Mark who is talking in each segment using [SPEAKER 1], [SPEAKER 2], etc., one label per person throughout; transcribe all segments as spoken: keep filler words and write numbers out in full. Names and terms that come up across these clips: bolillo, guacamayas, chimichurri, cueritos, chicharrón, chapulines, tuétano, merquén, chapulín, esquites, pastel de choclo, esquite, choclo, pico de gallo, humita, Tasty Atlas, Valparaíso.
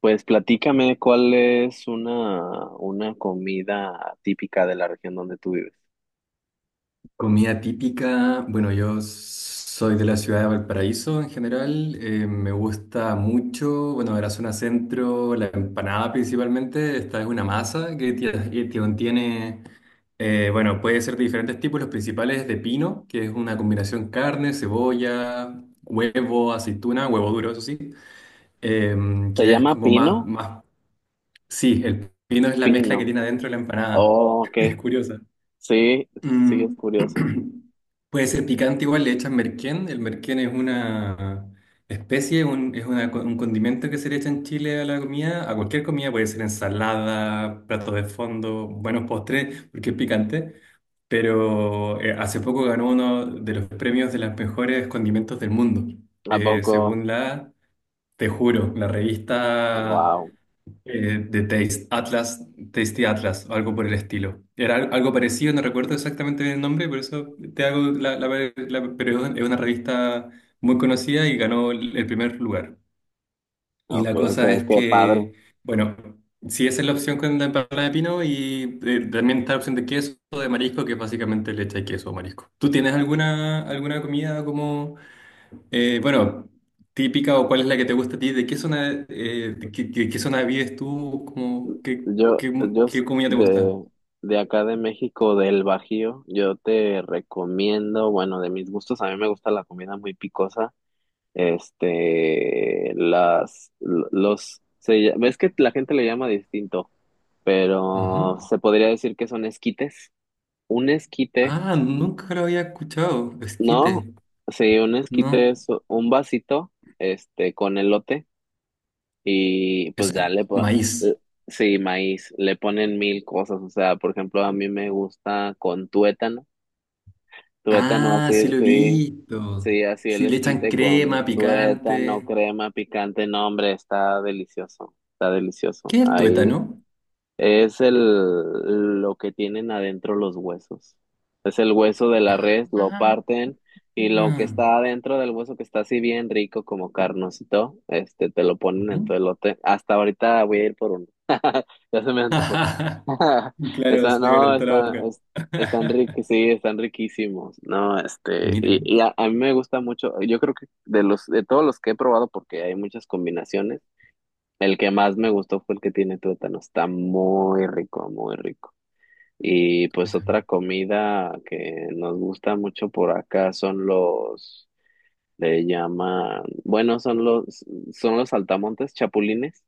[SPEAKER 1] Pues platícame cuál es una, una comida típica de la región donde tú vives.
[SPEAKER 2] Comida típica, bueno, yo soy de la ciudad de Valparaíso en general, eh, me gusta mucho, bueno, de la zona centro, la empanada principalmente, esta es una masa que tie- que contiene, eh, bueno, puede ser de diferentes tipos, los principales de pino, que es una combinación carne, cebolla, huevo, aceituna, huevo duro, eso sí, em,
[SPEAKER 1] ¿Se
[SPEAKER 2] que es
[SPEAKER 1] llama
[SPEAKER 2] como más,
[SPEAKER 1] pino?
[SPEAKER 2] más, sí, el pino es la mezcla que
[SPEAKER 1] Pino.
[SPEAKER 2] tiene adentro la empanada,
[SPEAKER 1] Oh,
[SPEAKER 2] es
[SPEAKER 1] ok.
[SPEAKER 2] curiosa.
[SPEAKER 1] Sí, sí, es
[SPEAKER 2] Mm,
[SPEAKER 1] curioso.
[SPEAKER 2] puede ser picante igual, le echan merquén. El merquén es una especie, un- es una co- un condimento que se le echa en Chile a la comida, a cualquier comida, puede ser ensalada, platos de fondo, buenos postres, porque es picante. Pero eh, hace poco ganó uno de los premios de los mejores condimentos del mundo,
[SPEAKER 1] ¿A
[SPEAKER 2] eh,
[SPEAKER 1] poco?
[SPEAKER 2] según la, te juro, la revista
[SPEAKER 1] Wow.
[SPEAKER 2] eh, de Taste, Atlas, Tasty Atlas, o algo por el estilo. Era al- algo parecido, no recuerdo exactamente el nombre, por eso te hago la, la, la- pero es una revista muy conocida y ganó el el primer lugar. Y la
[SPEAKER 1] Ok,
[SPEAKER 2] cosa
[SPEAKER 1] qué,
[SPEAKER 2] es
[SPEAKER 1] qué padre.
[SPEAKER 2] que, bueno, si esa es la opción con la empanada de pino y eh, también está la opción de queso, o de marisco, que es básicamente leche y queso o marisco. ¿Tú tienes alguna, alguna comida como... Eh, bueno, típica o cuál es la que te gusta a ti, ¿de qué zona, eh, de qué, qué- qué zona vives tú? ¿Cómo, qué,
[SPEAKER 1] Yo,
[SPEAKER 2] qué, mu-
[SPEAKER 1] yo
[SPEAKER 2] qué
[SPEAKER 1] s-
[SPEAKER 2] comida te gusta?
[SPEAKER 1] de, de acá de México, del Bajío, yo te recomiendo, bueno, de mis gustos, a mí me gusta la comida muy picosa. Este, las, l- los, se ll- ves que la gente le llama distinto. Pero
[SPEAKER 2] Ujú.
[SPEAKER 1] se podría decir que son esquites. Un esquite,
[SPEAKER 2] Ah, nunca lo había escuchado,
[SPEAKER 1] ¿no?
[SPEAKER 2] esquite.
[SPEAKER 1] Sí, un esquite
[SPEAKER 2] No,
[SPEAKER 1] es un vasito, este, con elote y pues
[SPEAKER 2] eso es
[SPEAKER 1] ya le po-
[SPEAKER 2] maíz.
[SPEAKER 1] l- sí, maíz, le ponen mil cosas, o sea, por ejemplo, a mí me gusta con tuétano, tuétano
[SPEAKER 2] Ah, sí
[SPEAKER 1] así,
[SPEAKER 2] lo he
[SPEAKER 1] sí,
[SPEAKER 2] visto.
[SPEAKER 1] sí, así el
[SPEAKER 2] Sí, le echan
[SPEAKER 1] esquite con
[SPEAKER 2] crema,
[SPEAKER 1] tuétano,
[SPEAKER 2] picante.
[SPEAKER 1] crema picante, no, hombre, está delicioso, está delicioso.
[SPEAKER 2] ¿Qué es el
[SPEAKER 1] Ahí
[SPEAKER 2] tuétano?
[SPEAKER 1] es el, lo que tienen adentro los huesos. Es el hueso de la
[SPEAKER 2] Ah,
[SPEAKER 1] res, lo
[SPEAKER 2] ah,
[SPEAKER 1] parten y lo que
[SPEAKER 2] ah.
[SPEAKER 1] está adentro del hueso que está así bien rico como carnosito, este, te lo ponen en tu
[SPEAKER 2] Ujú.
[SPEAKER 1] elote. Hasta ahorita voy a ir por uno. Ya se me antojó.
[SPEAKER 2] Claro,
[SPEAKER 1] Está,
[SPEAKER 2] se te
[SPEAKER 1] no,
[SPEAKER 2] calentó la
[SPEAKER 1] está,
[SPEAKER 2] boca.
[SPEAKER 1] es- están riquísimos, sí, están riquísimos. No, este,
[SPEAKER 2] Mira,
[SPEAKER 1] y, y a, a mí me gusta mucho. Yo creo que de los, de todos los que he probado, porque hay muchas combinaciones. El que más me gustó fue el que tiene tuétano. Está muy rico, muy rico. Y pues
[SPEAKER 2] tuétano.
[SPEAKER 1] otra comida que nos gusta mucho por acá son los, le llaman, bueno, son los, son los saltamontes chapulines.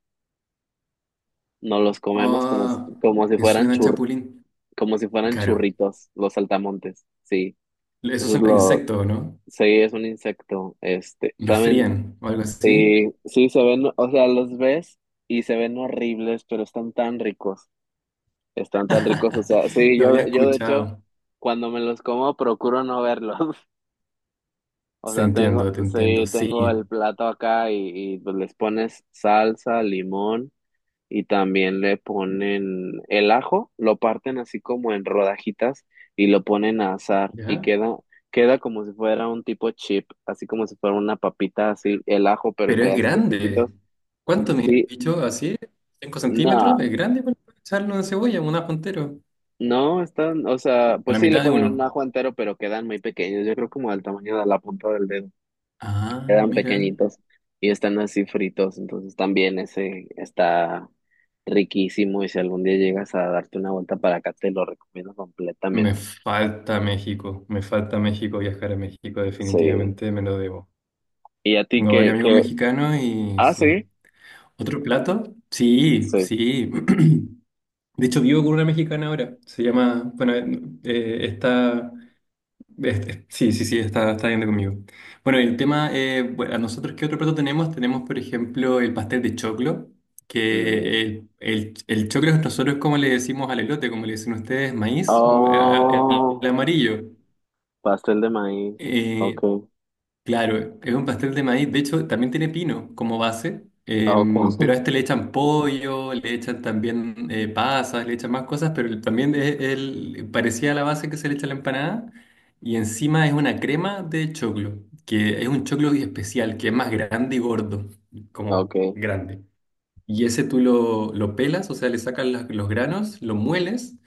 [SPEAKER 1] Nos los comemos como, s-
[SPEAKER 2] Ah,
[SPEAKER 1] como si
[SPEAKER 2] me
[SPEAKER 1] fueran
[SPEAKER 2] suena
[SPEAKER 1] chur,
[SPEAKER 2] chapulín.
[SPEAKER 1] como si fueran
[SPEAKER 2] Claro.
[SPEAKER 1] churritos, los saltamontes. Sí.
[SPEAKER 2] Esos
[SPEAKER 1] Entonces
[SPEAKER 2] son los
[SPEAKER 1] lo,
[SPEAKER 2] insectos, ¿no?
[SPEAKER 1] sí, es un insecto. Este,
[SPEAKER 2] Los
[SPEAKER 1] ¿saben?
[SPEAKER 2] frían o algo así.
[SPEAKER 1] Sí, sí, se ven, o sea, los ves y se ven horribles, pero están tan ricos. Están tan ricos, o sea, sí,
[SPEAKER 2] Lo
[SPEAKER 1] yo,
[SPEAKER 2] había
[SPEAKER 1] de- yo de hecho,
[SPEAKER 2] escuchado.
[SPEAKER 1] cuando me los como, procuro no verlos. O
[SPEAKER 2] Se
[SPEAKER 1] sea, tengo,
[SPEAKER 2] entiendo, te entiendo,
[SPEAKER 1] sí,
[SPEAKER 2] sí.
[SPEAKER 1] tengo el plato acá y, y, pues les pones salsa, limón y también le ponen el ajo, lo parten así como en rodajitas y lo ponen a asar y
[SPEAKER 2] ¿Ya?
[SPEAKER 1] queda, queda como si fuera un tipo chip, así como si fuera una papita así, el ajo, pero en
[SPEAKER 2] Pero es
[SPEAKER 1] pedacitos chiquitos.
[SPEAKER 2] grande. ¿Cuánto mide el
[SPEAKER 1] Sí,
[SPEAKER 2] bicho? ¿Así? ¿Cinco centímetros?
[SPEAKER 1] no.
[SPEAKER 2] ¿Es grande para echarlo en cebolla? ¿Un ajo entero?
[SPEAKER 1] No, están, o sea,
[SPEAKER 2] O
[SPEAKER 1] pues
[SPEAKER 2] la
[SPEAKER 1] sí le
[SPEAKER 2] mitad de
[SPEAKER 1] ponen un
[SPEAKER 2] uno.
[SPEAKER 1] ajo entero, pero quedan muy pequeños. Yo creo como del tamaño de la punta del dedo.
[SPEAKER 2] Ah,
[SPEAKER 1] Quedan
[SPEAKER 2] mira.
[SPEAKER 1] pequeñitos y están así fritos. Entonces también ese está riquísimo. Y si algún día llegas a darte una vuelta para acá, te lo recomiendo
[SPEAKER 2] Me
[SPEAKER 1] completamente.
[SPEAKER 2] falta México. Me falta México. Viajar a México
[SPEAKER 1] Sí.
[SPEAKER 2] definitivamente me lo debo.
[SPEAKER 1] ¿Y a ti
[SPEAKER 2] Tengo varios
[SPEAKER 1] qué,
[SPEAKER 2] amigos
[SPEAKER 1] qué?
[SPEAKER 2] mexicanos y
[SPEAKER 1] Ah, sí.
[SPEAKER 2] sí. ¿Otro plato? Sí,
[SPEAKER 1] Sí.
[SPEAKER 2] sí. De hecho, vivo con una mexicana ahora. Se llama, bueno, eh, está, este- sí, sí, sí, está, está viendo conmigo. Bueno, el tema, eh, bueno, nosotros, ¿qué otro plato tenemos? Tenemos, por ejemplo, el pastel de choclo,
[SPEAKER 1] Mm.
[SPEAKER 2] que el, el, el choclo nosotros, como le decimos al elote, como le dicen ustedes, maíz, eh, el,
[SPEAKER 1] Oh,
[SPEAKER 2] el amarillo.
[SPEAKER 1] pastel de maíz. Ok.
[SPEAKER 2] Eh, Claro, es un pastel de maíz. De hecho, también tiene pino como base,
[SPEAKER 1] Ok.
[SPEAKER 2] em, pero a este le echan pollo, le echan también eh, pasas, le echan más cosas, pero el- también es el, parecía la base que se le echa a la empanada. Y encima es una crema de choclo, que es un choclo especial, que es más grande y gordo, como
[SPEAKER 1] Ok.
[SPEAKER 2] grande. Y ese tú lo, lo pelas, o sea, le sacas las- los granos, lo mueles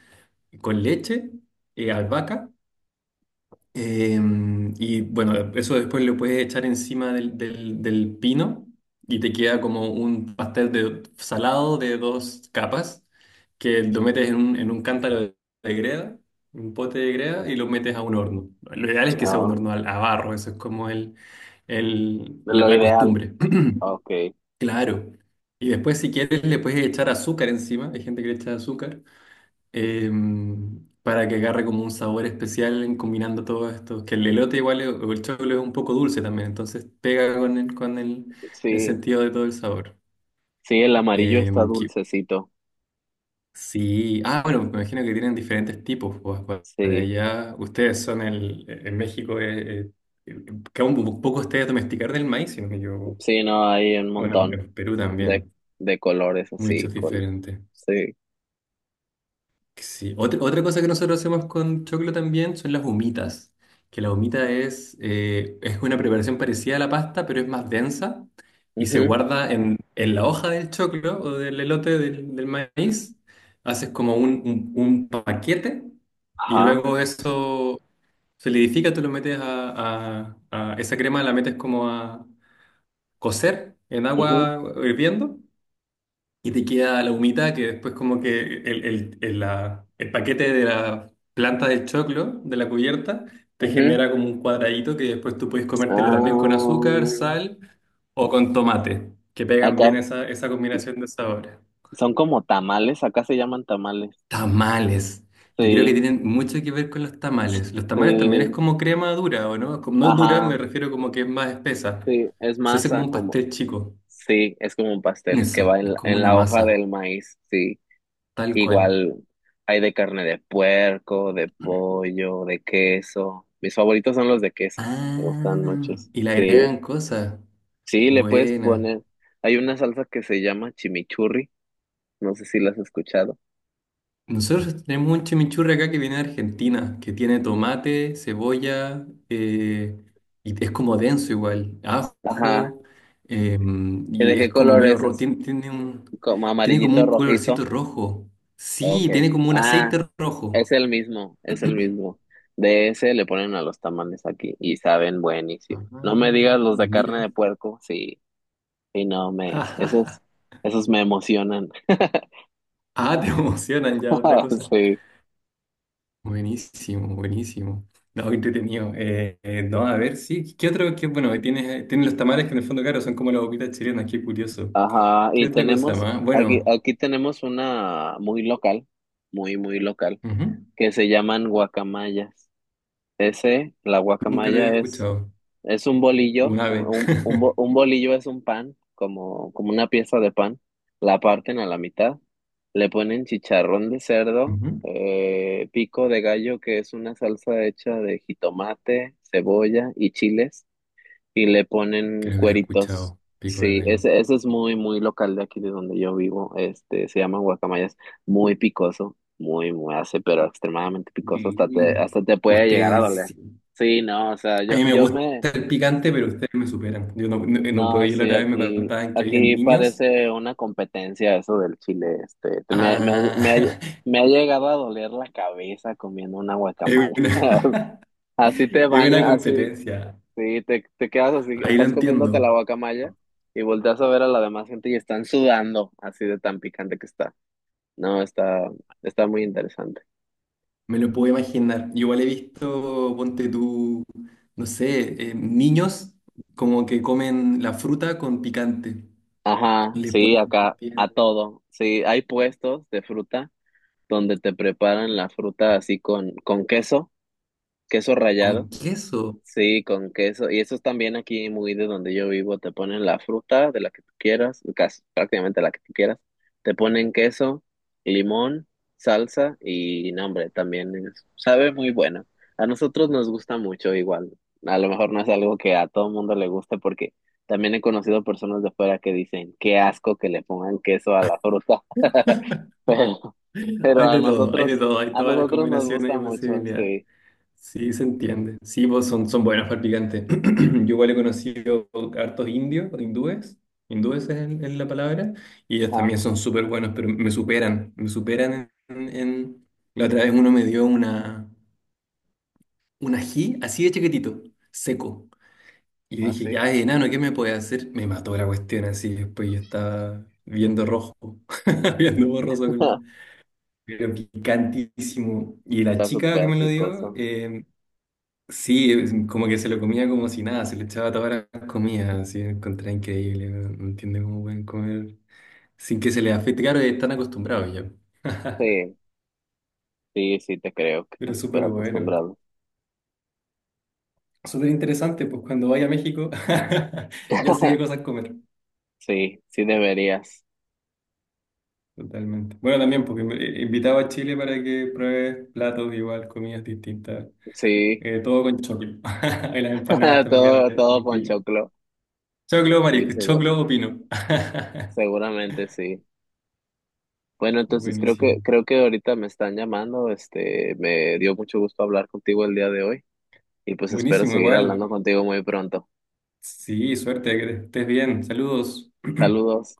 [SPEAKER 2] con leche, eh, albahaca. Em, y bueno, eso después lo puedes echar encima del, del- del pino y te queda como un pastel de salado de dos capas que lo metes en un, en un cántaro de, de greda, un pote de greda y lo metes a un horno. Lo ideal es que sea
[SPEAKER 1] Ah,
[SPEAKER 2] un
[SPEAKER 1] ok.
[SPEAKER 2] horno al- a, barro, eso es como el, el- la,
[SPEAKER 1] Lo
[SPEAKER 2] la
[SPEAKER 1] ideal.
[SPEAKER 2] costumbre.
[SPEAKER 1] Ok.
[SPEAKER 2] Claro. Y después si quieres le puedes echar azúcar encima, hay gente que le echa azúcar em, para que agarre como un sabor especial en combinando todo esto. Que el elote igual es- o el choclo es un poco dulce también, entonces pega con el, con el, el
[SPEAKER 1] Sí.
[SPEAKER 2] sentido de todo el sabor.
[SPEAKER 1] Sí, el amarillo está
[SPEAKER 2] Em, que-
[SPEAKER 1] dulcecito.
[SPEAKER 2] sí, ah, bueno, me imagino que tienen diferentes tipos. Pues, pa- para
[SPEAKER 1] Sí,
[SPEAKER 2] allá, ustedes son el, e, en México, eh, eh, que aún un poco ustedes domesticar del maíz, sino que yo,
[SPEAKER 1] sí, no, hay un
[SPEAKER 2] bueno,
[SPEAKER 1] montón
[SPEAKER 2] en Perú
[SPEAKER 1] de,
[SPEAKER 2] también,
[SPEAKER 1] de colores así.
[SPEAKER 2] muchos
[SPEAKER 1] Col-
[SPEAKER 2] diferentes.
[SPEAKER 1] sí.
[SPEAKER 2] Sí. Otra, otra cosa que nosotros hacemos con choclo también son las humitas, que la humita es, eh, es una preparación parecida a la pasta, pero es más densa y se
[SPEAKER 1] Ujú.
[SPEAKER 2] guarda en, en la hoja del choclo o del elote del, del maíz. Haces como un, un- un paquete y
[SPEAKER 1] Ajá.
[SPEAKER 2] luego eso solidifica, tú lo metes a, a- a- esa crema, la metes como a cocer en
[SPEAKER 1] Ujú,
[SPEAKER 2] agua hirviendo y te queda la humita que después como que el, el, el, la- el paquete de la planta del choclo, de la cubierta, te
[SPEAKER 1] ujú.
[SPEAKER 2] genera como un cuadradito que después tú puedes comértelo también con azúcar, sal o con tomate, que
[SPEAKER 1] Ah,
[SPEAKER 2] pegan bien
[SPEAKER 1] acá
[SPEAKER 2] esa, esa combinación de sabores.
[SPEAKER 1] son como tamales, acá se llaman tamales.
[SPEAKER 2] Tamales. Yo creo que
[SPEAKER 1] Sí,
[SPEAKER 2] tienen mucho que ver con los tamales. Los tamales también es
[SPEAKER 1] sí,
[SPEAKER 2] como crema dura, ¿o no? Como no dura,
[SPEAKER 1] ajá,
[SPEAKER 2] me refiero como que es más espesa.
[SPEAKER 1] sí, es
[SPEAKER 2] Se hace como
[SPEAKER 1] masa
[SPEAKER 2] un
[SPEAKER 1] como,
[SPEAKER 2] pastel chico.
[SPEAKER 1] sí, es como un pastel que
[SPEAKER 2] Eso,
[SPEAKER 1] va
[SPEAKER 2] es
[SPEAKER 1] en la,
[SPEAKER 2] como
[SPEAKER 1] en
[SPEAKER 2] una
[SPEAKER 1] la hoja
[SPEAKER 2] masa,
[SPEAKER 1] del maíz, sí.
[SPEAKER 2] tal cual.
[SPEAKER 1] Igual hay de carne de puerco, de pollo, de queso. Mis favoritos son los de queso. Me gustan
[SPEAKER 2] Ah,
[SPEAKER 1] muchos.
[SPEAKER 2] y le
[SPEAKER 1] Sí,
[SPEAKER 2] agregan cosas.
[SPEAKER 1] sí, le puedes
[SPEAKER 2] Buena.
[SPEAKER 1] poner. Hay una salsa que se llama chimichurri. No sé si la has escuchado.
[SPEAKER 2] Nosotros tenemos un chimichurri acá que viene de Argentina, que tiene tomate, cebolla, eh, y es como denso igual,
[SPEAKER 1] Ajá.
[SPEAKER 2] ajo, eh,
[SPEAKER 1] ¿Y
[SPEAKER 2] y
[SPEAKER 1] de qué
[SPEAKER 2] es como
[SPEAKER 1] color
[SPEAKER 2] medio
[SPEAKER 1] es?
[SPEAKER 2] rojo.
[SPEAKER 1] ¿Es
[SPEAKER 2] Tiene, tiene un,
[SPEAKER 1] como
[SPEAKER 2] tiene como
[SPEAKER 1] amarillito
[SPEAKER 2] un colorcito
[SPEAKER 1] rojizo?
[SPEAKER 2] rojo.
[SPEAKER 1] Ok.
[SPEAKER 2] Sí, tiene como un
[SPEAKER 1] Ah,
[SPEAKER 2] aceite rojo.
[SPEAKER 1] es el mismo, es el mismo. De ese le ponen a los tamales aquí y saben
[SPEAKER 2] Ah,
[SPEAKER 1] buenísimo. No me digas los de carne
[SPEAKER 2] mira.
[SPEAKER 1] de puerco, sí. Y no, me, esos, esos me emocionan.
[SPEAKER 2] Ah, te emocionan ya otra cosa.
[SPEAKER 1] Sí,
[SPEAKER 2] Buenísimo, buenísimo. No, qué entretenido. Eh, eh, no, a ver, sí. ¿Qué otro? Qué, bueno, tienes tiene los tamales que en el fondo, claro, son como las boquitas chilenas, qué curioso.
[SPEAKER 1] ajá.
[SPEAKER 2] ¿Qué
[SPEAKER 1] Y
[SPEAKER 2] otra cosa
[SPEAKER 1] tenemos,
[SPEAKER 2] más?
[SPEAKER 1] aquí,
[SPEAKER 2] Bueno.
[SPEAKER 1] aquí tenemos una muy local, muy, muy local,
[SPEAKER 2] Ujú.
[SPEAKER 1] que se llaman guacamayas. Ese, la
[SPEAKER 2] Nunca lo había
[SPEAKER 1] guacamaya es,
[SPEAKER 2] escuchado.
[SPEAKER 1] es un
[SPEAKER 2] Un
[SPEAKER 1] bolillo, un,
[SPEAKER 2] ave.
[SPEAKER 1] un, un bo- un bolillo es un pan, como, como una pieza de pan. La parten a la mitad, le ponen chicharrón de cerdo,
[SPEAKER 2] Ujú.
[SPEAKER 1] eh, pico de gallo, que es una salsa hecha de jitomate, cebolla y chiles y le ponen
[SPEAKER 2] Creo que lo he
[SPEAKER 1] cueritos.
[SPEAKER 2] escuchado. Pico de
[SPEAKER 1] Sí,
[SPEAKER 2] gallo.
[SPEAKER 1] ese, ese es muy, muy local de aquí de donde yo vivo. Este, se llama guacamayas. Muy picoso, muy, muy hace, pero extremadamente picoso. Hasta
[SPEAKER 2] Y
[SPEAKER 1] te, hasta te puede llegar a
[SPEAKER 2] ustedes,
[SPEAKER 1] doler.
[SPEAKER 2] sí.
[SPEAKER 1] Sí, no, o sea,
[SPEAKER 2] A
[SPEAKER 1] yo,
[SPEAKER 2] mí me
[SPEAKER 1] yo
[SPEAKER 2] gusta
[SPEAKER 1] me,
[SPEAKER 2] el picante, pero ustedes me superan. Yo no, no, no puedo.
[SPEAKER 1] no,
[SPEAKER 2] Yo la
[SPEAKER 1] sí,
[SPEAKER 2] otra vez me
[SPEAKER 1] aquí,
[SPEAKER 2] contaban que habían
[SPEAKER 1] aquí
[SPEAKER 2] niños.
[SPEAKER 1] parece una competencia eso del chile. Este, te- me, me, me, ha-
[SPEAKER 2] Ah,
[SPEAKER 1] me ha llegado a doler la cabeza comiendo una
[SPEAKER 2] es
[SPEAKER 1] guacamaya.
[SPEAKER 2] una,
[SPEAKER 1] Así te
[SPEAKER 2] es
[SPEAKER 1] baño,
[SPEAKER 2] una
[SPEAKER 1] así.
[SPEAKER 2] competencia.
[SPEAKER 1] Sí, te, te quedas así,
[SPEAKER 2] Ahí lo
[SPEAKER 1] estás comiéndote
[SPEAKER 2] entiendo,
[SPEAKER 1] la guacamaya y volteas a ver a la demás gente y están sudando, así de tan picante que está. No, está, está muy interesante.
[SPEAKER 2] me lo puedo imaginar. Yo igual he visto, ponte tú, no sé, eh, niños como que comen la fruta con picante.
[SPEAKER 1] Ajá,
[SPEAKER 2] Le
[SPEAKER 1] sí,
[SPEAKER 2] ponen
[SPEAKER 1] acá
[SPEAKER 2] también
[SPEAKER 1] a todo. Sí, hay puestos de fruta donde te preparan la fruta así con, con queso, queso
[SPEAKER 2] con
[SPEAKER 1] rallado.
[SPEAKER 2] queso.
[SPEAKER 1] Sí, con queso. Y eso es también aquí muy de donde yo vivo. Te ponen la fruta de la que tú quieras, casi prácticamente la que tú quieras. Te ponen queso, limón, salsa y nombre también es- sabe muy bueno. A nosotros nos gusta mucho igual. A lo mejor no es algo que a todo mundo le guste porque también he conocido personas de fuera que dicen, qué asco que le pongan queso a la fruta. Pero, pero
[SPEAKER 2] Hay
[SPEAKER 1] a
[SPEAKER 2] de todo, hay de
[SPEAKER 1] nosotros,
[SPEAKER 2] todo, hay
[SPEAKER 1] a
[SPEAKER 2] todas las
[SPEAKER 1] nosotros nos
[SPEAKER 2] combinaciones y
[SPEAKER 1] gusta mucho,
[SPEAKER 2] posibilidades.
[SPEAKER 1] sí.
[SPEAKER 2] Sí, se entiende. Sí, pues son, son buenos para el picante. Yo igual he conocido hartos indios, o hindúes, hindúes es, el- es la palabra, y ellos
[SPEAKER 1] Ajá.
[SPEAKER 2] también son súper buenos, pero me superan, me superan en... en- La otra vez uno me dio una... un ají así de chiquitito, seco. Y
[SPEAKER 1] Ah,
[SPEAKER 2] dije,
[SPEAKER 1] sí.
[SPEAKER 2] ya, enano, ¿qué me puede hacer? Me mató la cuestión así. Después yo estaba viendo rojo, viendo borroso con la. Pero picantísimo. Y la
[SPEAKER 1] Está
[SPEAKER 2] chica que
[SPEAKER 1] súper
[SPEAKER 2] me lo dio,
[SPEAKER 1] picoso.
[SPEAKER 2] eh, sí, es como que se lo comía como si nada, se le echaba todas las comidas, así, lo encontré increíble. No no entiendo cómo pueden comer sin que se les afecte. Claro, están acostumbrados ya.
[SPEAKER 1] Sí, sí, sí, te creo que
[SPEAKER 2] Pero
[SPEAKER 1] están súper
[SPEAKER 2] súper bueno.
[SPEAKER 1] acostumbrados.
[SPEAKER 2] Súper interesante, pues cuando vaya a México, ya sé qué cosas comer.
[SPEAKER 1] Sí, sí deberías.
[SPEAKER 2] Totalmente. Bueno, también porque me- eh, invitaba a Chile para que pruebes platos igual, comidas distintas.
[SPEAKER 1] Sí,
[SPEAKER 2] Eh, todo con choclo. Y las empanadas también
[SPEAKER 1] todo,
[SPEAKER 2] de, de
[SPEAKER 1] todo con
[SPEAKER 2] pino.
[SPEAKER 1] ponchoclo.
[SPEAKER 2] Choclo,
[SPEAKER 1] Sí,
[SPEAKER 2] marisco, choclo
[SPEAKER 1] seguro,
[SPEAKER 2] o pino.
[SPEAKER 1] seguramente sí. Bueno, entonces creo que,
[SPEAKER 2] Buenísimo.
[SPEAKER 1] creo que ahorita me están llamando. Este, me dio mucho gusto hablar contigo el día de hoy y pues espero
[SPEAKER 2] Buenísimo,
[SPEAKER 1] seguir hablando
[SPEAKER 2] igual.
[SPEAKER 1] contigo muy pronto.
[SPEAKER 2] Sí, suerte, que estés bien. Saludos.
[SPEAKER 1] Saludos.